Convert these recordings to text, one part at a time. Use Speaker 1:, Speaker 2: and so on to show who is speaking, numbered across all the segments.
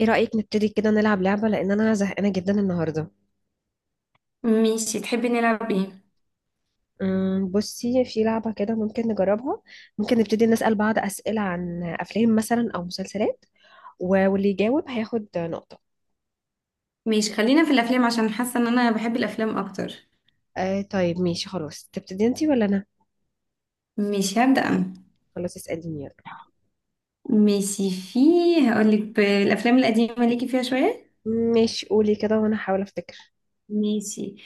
Speaker 1: ايه رأيك نبتدي كده نلعب لعبة لأن أنا زهقانة جدا النهاردة.
Speaker 2: ماشي، تحبي نلعب ايه؟
Speaker 1: بصي في لعبة كده ممكن نجربها. ممكن نبتدي نسأل بعض أسئلة عن أفلام مثلا أو مسلسلات. واللي يجاوب هياخد نقطة.
Speaker 2: ماشي، خلينا في الافلام عشان حاسه ان انا بحب الافلام اكتر.
Speaker 1: آه طيب ماشي خلاص، تبتدي انتي ولا أنا؟
Speaker 2: ماشي، هبدأ انا.
Speaker 1: خلاص اسأليني يلا.
Speaker 2: ماشي. في، هقولك بالافلام القديمه ليكي فيها شويه.
Speaker 1: ماشي قولي كده وأنا هحاول أفتكر.
Speaker 2: ماشي.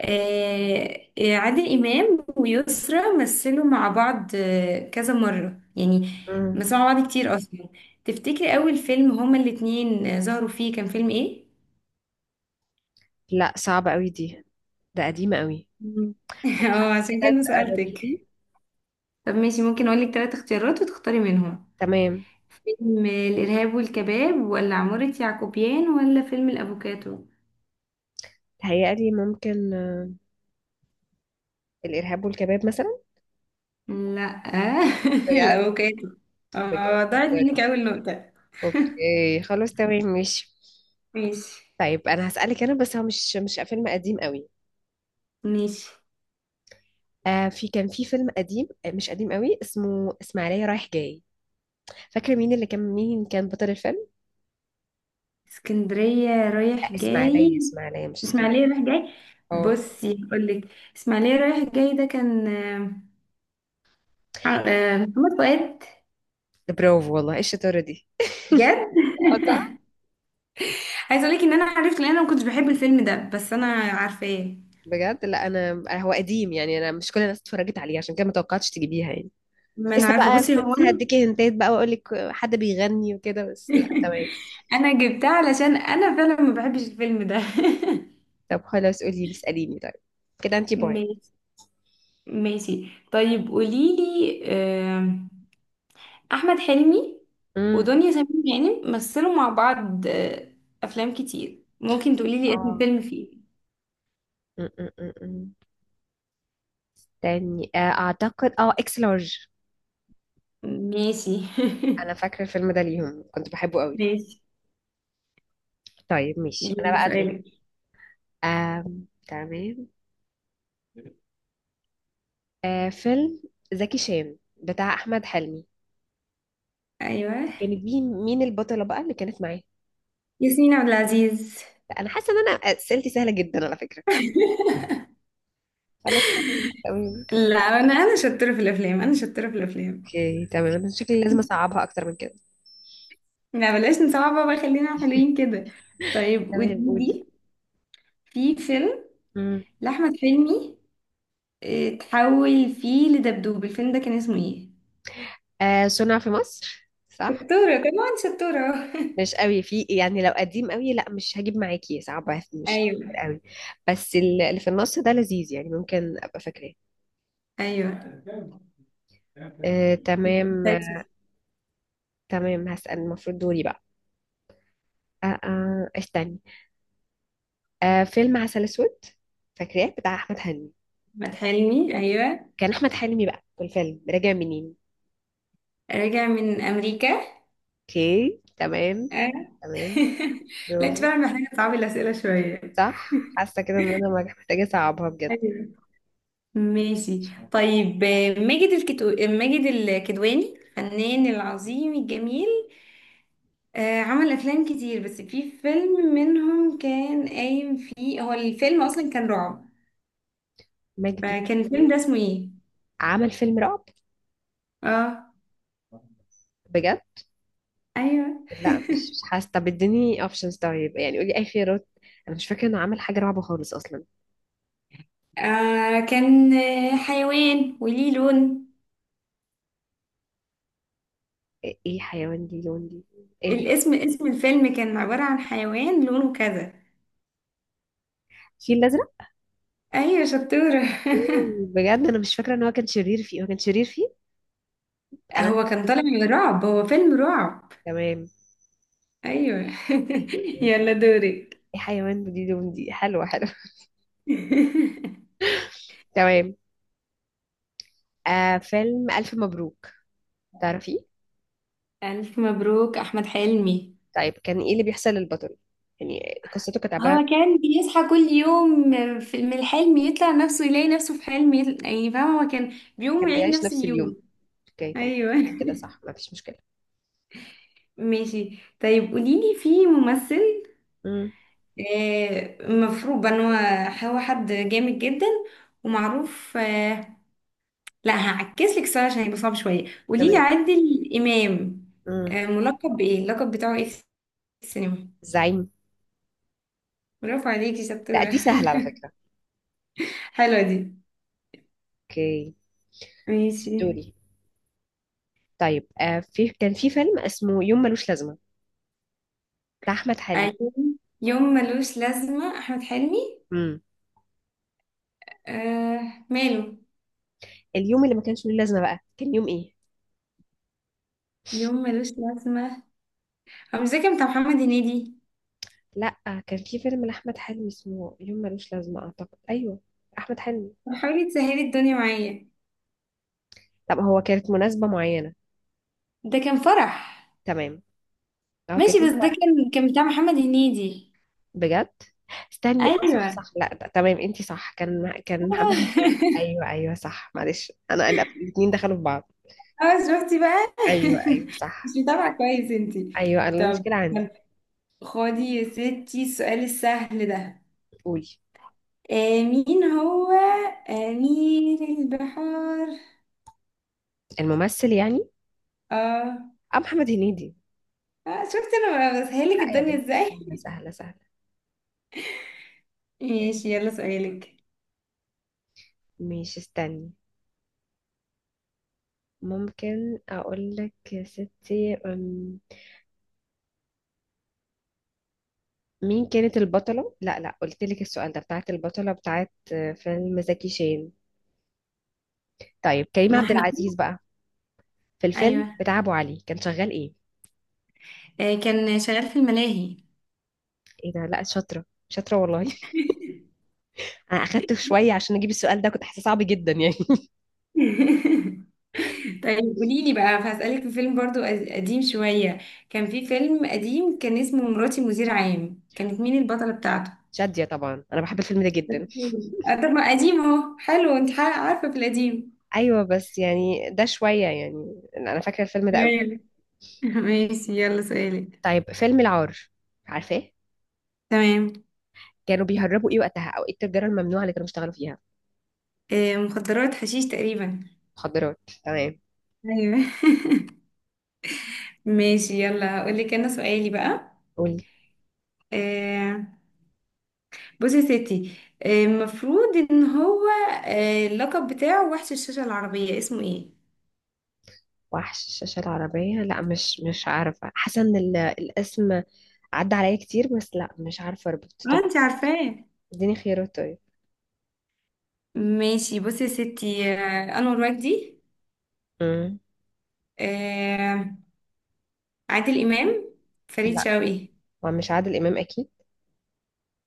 Speaker 2: عادل امام ويسرا مثلوا مع بعض كذا مره يعني.
Speaker 1: أمم،
Speaker 2: مثلوا مع بعض كتير اصلا. تفتكري اول فيلم هما الاتنين ظهروا فيه كان فيلم ايه؟
Speaker 1: لا صعبة أوي دي، ده قديمة أوي.
Speaker 2: مم.
Speaker 1: طب
Speaker 2: اه،
Speaker 1: حاولي
Speaker 2: عشان
Speaker 1: كده
Speaker 2: كده
Speaker 1: تقربي
Speaker 2: سألتك.
Speaker 1: لي.
Speaker 2: طب ماشي، ممكن اقولك ثلاث اختيارات وتختاري منهم.
Speaker 1: تمام.
Speaker 2: فيلم الإرهاب والكباب ولا عمارة يعقوبيان ولا فيلم الأفوكاتو.
Speaker 1: تهيألي ممكن الإرهاب والكباب مثلا.
Speaker 2: لا.
Speaker 1: بجد؟
Speaker 2: الأفوكاتو.
Speaker 1: بجد؟
Speaker 2: اه، ضاعت منك أول نقطة.
Speaker 1: اوكي خلاص تمام ماشي.
Speaker 2: ماشي.
Speaker 1: طيب انا هسألك انا بس، هو مش فيلم قديم قوي.
Speaker 2: ماشي.
Speaker 1: آه في كان في فيلم قديم، مش قديم قوي، اسمه اسماعيلية رايح جاي. فاكرة مين اللي كان، مين كان بطل الفيلم؟
Speaker 2: اسكندرية
Speaker 1: آه
Speaker 2: رايح جاي.
Speaker 1: اسماعيلية، اسماعيلية مش اسكندرية.
Speaker 2: اسماعيلية رايح جاي.
Speaker 1: اه.
Speaker 2: بصي، هقولك. اسماعيلية رايح جاي ده كان محمد فؤاد.
Speaker 1: ده برافو والله، ايه الشطارة دي.
Speaker 2: جد.
Speaker 1: اه صح.
Speaker 2: عايزة أقولك إن أنا عرفت لأن أنا ما كنتش بحب الفيلم ده بس أنا عارفاه.
Speaker 1: بجد لا انا هو قديم يعني، انا مش كل الناس اتفرجت عليه، عشان كده ما توقعتش تجيبيها يعني.
Speaker 2: ما
Speaker 1: كنت
Speaker 2: أنا
Speaker 1: لسه
Speaker 2: عارفة،
Speaker 1: بقى،
Speaker 2: بصي
Speaker 1: كنت
Speaker 2: هو
Speaker 1: لسه
Speaker 2: أنا.
Speaker 1: هديكي هنتات بقى واقول لك حد بيغني وكده، بس لا تمام.
Speaker 2: انا جبتها علشان انا فعلا ما بحبش الفيلم ده.
Speaker 1: طب خلاص قولي لي اسأليني طيب. كده انتي بوينت.
Speaker 2: ماشي. ماشي طيب قوليلي. آم، احمد حلمي
Speaker 1: امم.
Speaker 2: ودنيا سمير غانم مثلوا مع بعض افلام كتير. ممكن تقوليلي اسم
Speaker 1: اه
Speaker 2: فيلم فيه.
Speaker 1: م- م- م- م. تاني اعتقد اه اكس لارج.
Speaker 2: ماشي.
Speaker 1: انا فاكره الفيلم ده ليهم، كنت بحبه قوي.
Speaker 2: ماشي،
Speaker 1: طيب ماشي انا
Speaker 2: يلا
Speaker 1: بقى دول.
Speaker 2: سؤالك.
Speaker 1: تمام. فيلم زكي شان بتاع احمد حلمي،
Speaker 2: ايوه،
Speaker 1: كانت مين، مين البطله بقى اللي كانت معاه؟
Speaker 2: ياسمين عبد العزيز.
Speaker 1: لا، انا حاسه ان انا اسئلتي سهله جدا على فكره. انا تمام تمام.
Speaker 2: لا، انا شطوره في الافلام، انا شطوره في الافلام.
Speaker 1: اوكي تمام، انا شكلي لازم اصعبها اكتر من كده.
Speaker 2: لا بلاش نصعب بقى، خلينا حلوين كده. طيب
Speaker 1: تمام قولي.
Speaker 2: ودي. في فيلم
Speaker 1: مم.
Speaker 2: لأحمد حلمي تحول فيه لدبدوب، الفيلم ده كان اسمه ايه؟
Speaker 1: آه صنع في مصر صح.
Speaker 2: شطورة، كمان شطورة.
Speaker 1: مش قوي في يعني، لو قديم قوي لا مش هجيب معاكي، صعب، مش
Speaker 2: ايوه.
Speaker 1: فاكر قوي. بس اللي في النص ده لذيذ يعني ممكن ابقى فاكراه.
Speaker 2: ايوه،
Speaker 1: تمام
Speaker 2: مسلسل.
Speaker 1: تمام. هسأل، المفروض دوري بقى. استني. فيلم عسل اسود، فاكراه بتاع احمد حلمي.
Speaker 2: احمد حلمي. ايوه.
Speaker 1: كان احمد حلمي بقى في الفيلم راجع منين؟
Speaker 2: راجع من امريكا.
Speaker 1: اوكي تمام.
Speaker 2: آه.
Speaker 1: تمام.
Speaker 2: لا، انت
Speaker 1: برافو.
Speaker 2: فعلا محتاجه تصعبي الاسئله شويه.
Speaker 1: صح، حاسه كده ان انا محتاجه اصعبها بجد.
Speaker 2: ايوه. ماشي. طيب آه، ماجد الكتو... آه، ماجد الكدواني الفنان العظيم الجميل عمل افلام كتير. بس في فيلم منهم كان قايم فيه، هو الفيلم اصلا كان رعب.
Speaker 1: ماجد
Speaker 2: فكان الفيلم
Speaker 1: الكدواني
Speaker 2: ده اسمه ايه؟
Speaker 1: عمل فيلم رعب؟
Speaker 2: اه.
Speaker 1: بجد؟
Speaker 2: ايوه.
Speaker 1: لا مش حاسه، طب اديني اوبشنز طيب، يعني قولي اي خيارات. انا مش فاكره انه عمل حاجه رعب خالص اصلا.
Speaker 2: كان حيوان وليه لون.
Speaker 1: ايه، إيه حيوان ليه لون ليه؟ ايه ده؟
Speaker 2: الاسم، اسم الفيلم كان عبارة عن حيوان لونه كذا.
Speaker 1: الفيل الازرق.
Speaker 2: ايوه، شطورة.
Speaker 1: بجد انا مش فاكره ان هو كان شرير فيه، هو كان شرير فيه؟ انا،
Speaker 2: هو كان طالع من رعب، هو فيلم رعب.
Speaker 1: تمام.
Speaker 2: ايوه.
Speaker 1: ايوه أيوة.
Speaker 2: يلا دورك.
Speaker 1: ايه حيوان دي لون دي، حلوه حلوه. تمام. آه فيلم الف مبروك، تعرفيه؟
Speaker 2: الف مبروك، احمد حلمي.
Speaker 1: طيب كان ايه اللي بيحصل للبطل يعني، قصته كانت عباره عن؟
Speaker 2: هو كان بيصحى كل يوم من الحلم يطلع نفسه، يلاقي نفسه في حلم يعني فاهمة، هو كان بيقوم
Speaker 1: كان
Speaker 2: يعيد
Speaker 1: بيعيش
Speaker 2: نفس
Speaker 1: نفس اليوم.
Speaker 2: اليوم.
Speaker 1: اوكي تمام
Speaker 2: ايوه.
Speaker 1: خلاص كده صح، ما فيش مشكله.
Speaker 2: ماشي طيب قوليلي، في ممثل
Speaker 1: امم.
Speaker 2: مفروض ان هو، هو حد جامد جدا ومعروف لا، هعكس لك السؤال عشان يبقى صعب شويه. قوليلي
Speaker 1: تمام.
Speaker 2: عادل امام
Speaker 1: امم.
Speaker 2: ملقب بايه، اللقب بتاعه ايه في السينما؟
Speaker 1: الزعيم.
Speaker 2: برافو عليكي،
Speaker 1: لا
Speaker 2: شطوره.
Speaker 1: دي سهلة على فكرة.
Speaker 2: حلوه دي.
Speaker 1: اوكي.
Speaker 2: ماشي.
Speaker 1: دوري. طيب في كان في فيلم اسمه يوم ملوش لازمة بتاع أحمد حلمي.
Speaker 2: ايوه. يوم ملوش لازمه، احمد حلمي.
Speaker 1: امم.
Speaker 2: آه ماله.
Speaker 1: اليوم اللي ما كانش له لازمة بقى كان يوم ايه؟
Speaker 2: يوم ملوش لازمه. أنا مش فاكرة، بتاع محمد هنيدي.
Speaker 1: لا كان في فيلم لأحمد حلمي اسمه يوم ملوش لازمة أعتقد، أيوه، أحمد حلمي.
Speaker 2: طب حاولي تسهلي الدنيا معايا.
Speaker 1: طب هو كانت مناسبة معينة؟
Speaker 2: ده كان فرح.
Speaker 1: تمام. اه كان
Speaker 2: ماشي
Speaker 1: يوم
Speaker 2: بس ده
Speaker 1: فرح.
Speaker 2: كان بتاع محمد هنيدي.
Speaker 1: بجد؟ استني، اه صح
Speaker 2: ايوه.
Speaker 1: صح، لا ده تمام انتي صح، كان كان محمد هنيدي، ايوه ايوه صح، معلش انا، انا الاثنين دخلوا في بعض.
Speaker 2: اه شفتي بقى.
Speaker 1: ايوه ايوه
Speaker 2: مش
Speaker 1: صح.
Speaker 2: متابعة كويس انتي.
Speaker 1: ايوه انا
Speaker 2: طب
Speaker 1: المشكلة عندي.
Speaker 2: خدي يا ستي السؤال السهل ده.
Speaker 1: قولي.
Speaker 2: مين هو أمير البحار؟
Speaker 1: الممثل يعني؟
Speaker 2: اه.
Speaker 1: اه محمد هنيدي.
Speaker 2: اه شفتي، انا بسهلك
Speaker 1: لا يا
Speaker 2: الدنيا
Speaker 1: بنتي،
Speaker 2: ازاي.
Speaker 1: سهلة سهلة سهلة.
Speaker 2: ماشي، يلا سؤالك.
Speaker 1: مش، استني، ممكن اقول لك يا ستي، مين كانت البطلة، لا لا قلت لك السؤال ده، بتاعت البطلة بتاعت فيلم زكي شان. طيب كريم
Speaker 2: ما
Speaker 1: عبد
Speaker 2: احنا.
Speaker 1: العزيز بقى، في
Speaker 2: ايوه.
Speaker 1: الفيلم بتاع ابو علي كان شغال ايه؟
Speaker 2: كان شغال في الملاهي.
Speaker 1: ايه ده، لا شاطرة شاطرة والله. انا اخدت شوية عشان اجيب السؤال ده، كنت حاسة صعب جدا يعني.
Speaker 2: طيب قولي لي بقى، هسألك في فيلم برضو قديم شوية. كان في فيلم قديم كان اسمه مراتي مدير عام، كانت مين البطلة بتاعته؟
Speaker 1: شادية طبعا، انا بحب الفيلم ده جدا.
Speaker 2: طب ما قديم اهو، حلو. انت عارفة في القديم.
Speaker 1: ايوه بس يعني ده شوية، يعني انا فاكرة الفيلم ده.
Speaker 2: ايوه. ماشي، يلا سؤالك.
Speaker 1: طيب فيلم العار، عارفاه؟
Speaker 2: تمام.
Speaker 1: كانوا بيهربوا ايه وقتها، او ايه التجاره الممنوعه اللي كانوا بيشتغلوا فيها؟
Speaker 2: مخدرات، حشيش تقريبا.
Speaker 1: مخدرات تمام.
Speaker 2: ايوه. ماشي، يلا هقولك انا سؤالي بقى.
Speaker 1: قولي.
Speaker 2: آه، بصي يا ستي المفروض ان هو اللقب بتاعه وحش الشاشة العربية، اسمه ايه؟
Speaker 1: وحش الشاشه العربيه، لا مش مش عارفه، حاسه ان الاسم عدى عليا كتير، بس لا مش عارفه اربط،
Speaker 2: اه،
Speaker 1: طب
Speaker 2: انت عارفاه.
Speaker 1: اديني خيارات طيب.
Speaker 2: ماشي، بصي يا ستي انور مجدي
Speaker 1: امم.
Speaker 2: آه، عادل امام، فريد
Speaker 1: لا،
Speaker 2: شوقي.
Speaker 1: هو مش عادل امام اكيد،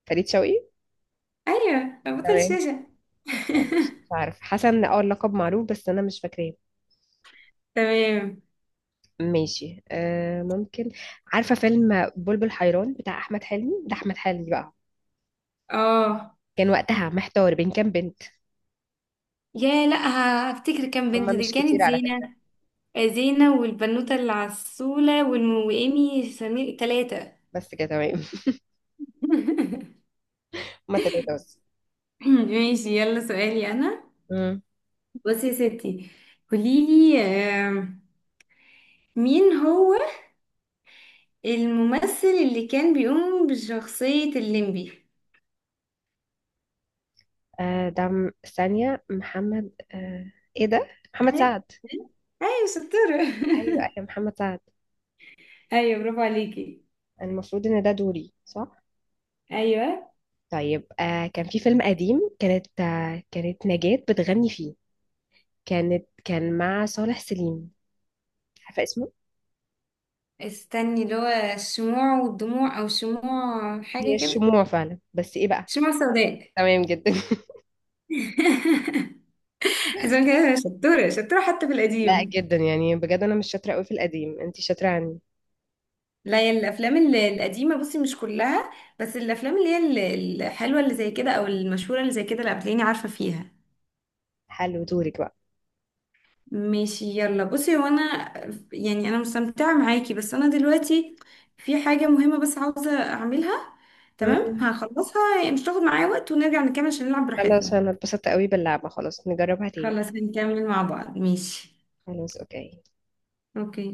Speaker 1: فريد شوقي.
Speaker 2: ايوه، بطل
Speaker 1: تمام.
Speaker 2: الشاشه.
Speaker 1: لا مش مش عارفه، حاسه ان اه اللقب معروف بس انا مش فاكراه.
Speaker 2: تمام.
Speaker 1: ماشي آه ممكن، عارفه فيلم بلبل حيران بتاع احمد حلمي؟ ده احمد حلمي بقى
Speaker 2: اه.
Speaker 1: كان وقتها محتار بين كام بنت؟
Speaker 2: يا لا، هفتكر كام
Speaker 1: هما
Speaker 2: بنت. دي
Speaker 1: مش كتير
Speaker 2: كانت
Speaker 1: على فكرة.
Speaker 2: زينة. زينة والبنوتة العسولة وإيمي سمير، تلاتة.
Speaker 1: بس كده تمام. هما تلاتة بس.
Speaker 2: ماشي، يلا سؤالي أنا.
Speaker 1: امم.
Speaker 2: بصي يا ستي، قوليلي مين هو الممثل اللي كان بيقوم بشخصية الليمبي؟
Speaker 1: آه ده ثانية محمد آه، ايه ده، محمد
Speaker 2: أيوة.
Speaker 1: سعد.
Speaker 2: ايوه، شطورة.
Speaker 1: ايوه ايوه محمد سعد.
Speaker 2: أيوة، برافو عليكي.
Speaker 1: المفروض ان ده دوري صح؟
Speaker 2: أيوة.
Speaker 1: طيب كان في فيلم قديم، كانت كانت نجاة بتغني فيه، كانت كان مع صالح سليم، عارفة اسمه؟
Speaker 2: استني، اللي هو الشموع والدموع او شموع
Speaker 1: هي
Speaker 2: حاجة كده.
Speaker 1: الشموع فعلا بس ايه بقى؟
Speaker 2: شموع سوداء.
Speaker 1: تمام جدا.
Speaker 2: عشان كده شطورة، شطورة حتى في
Speaker 1: لا
Speaker 2: القديم.
Speaker 1: جدا يعني بجد، انا مش شاطرة قوي في القديم، انتي شاطرة عني.
Speaker 2: لا، هي الافلام القديمة، بصي، مش كلها. بس الافلام اللي هي الحلوة اللي زي كده او المشهورة اللي زي كده، لا بتلاقيني عارفة فيها.
Speaker 1: حلو، دورك بقى.
Speaker 2: ماشي، يلا بصي، هو انا يعني انا مستمتعه معاكي بس انا دلوقتي في حاجه مهمه بس عاوزه اعملها. تمام،
Speaker 1: امم.
Speaker 2: هخلصها يعني مش تاخد معايا وقت ونرجع نكمل عشان نلعب
Speaker 1: خلاص
Speaker 2: براحتنا.
Speaker 1: انا اتبسطت قوي باللعبة، خلاص نجربها تاني.
Speaker 2: خلاص هنكمل مع بعض. ماشي.
Speaker 1: خلاص اوكي.
Speaker 2: اوكي.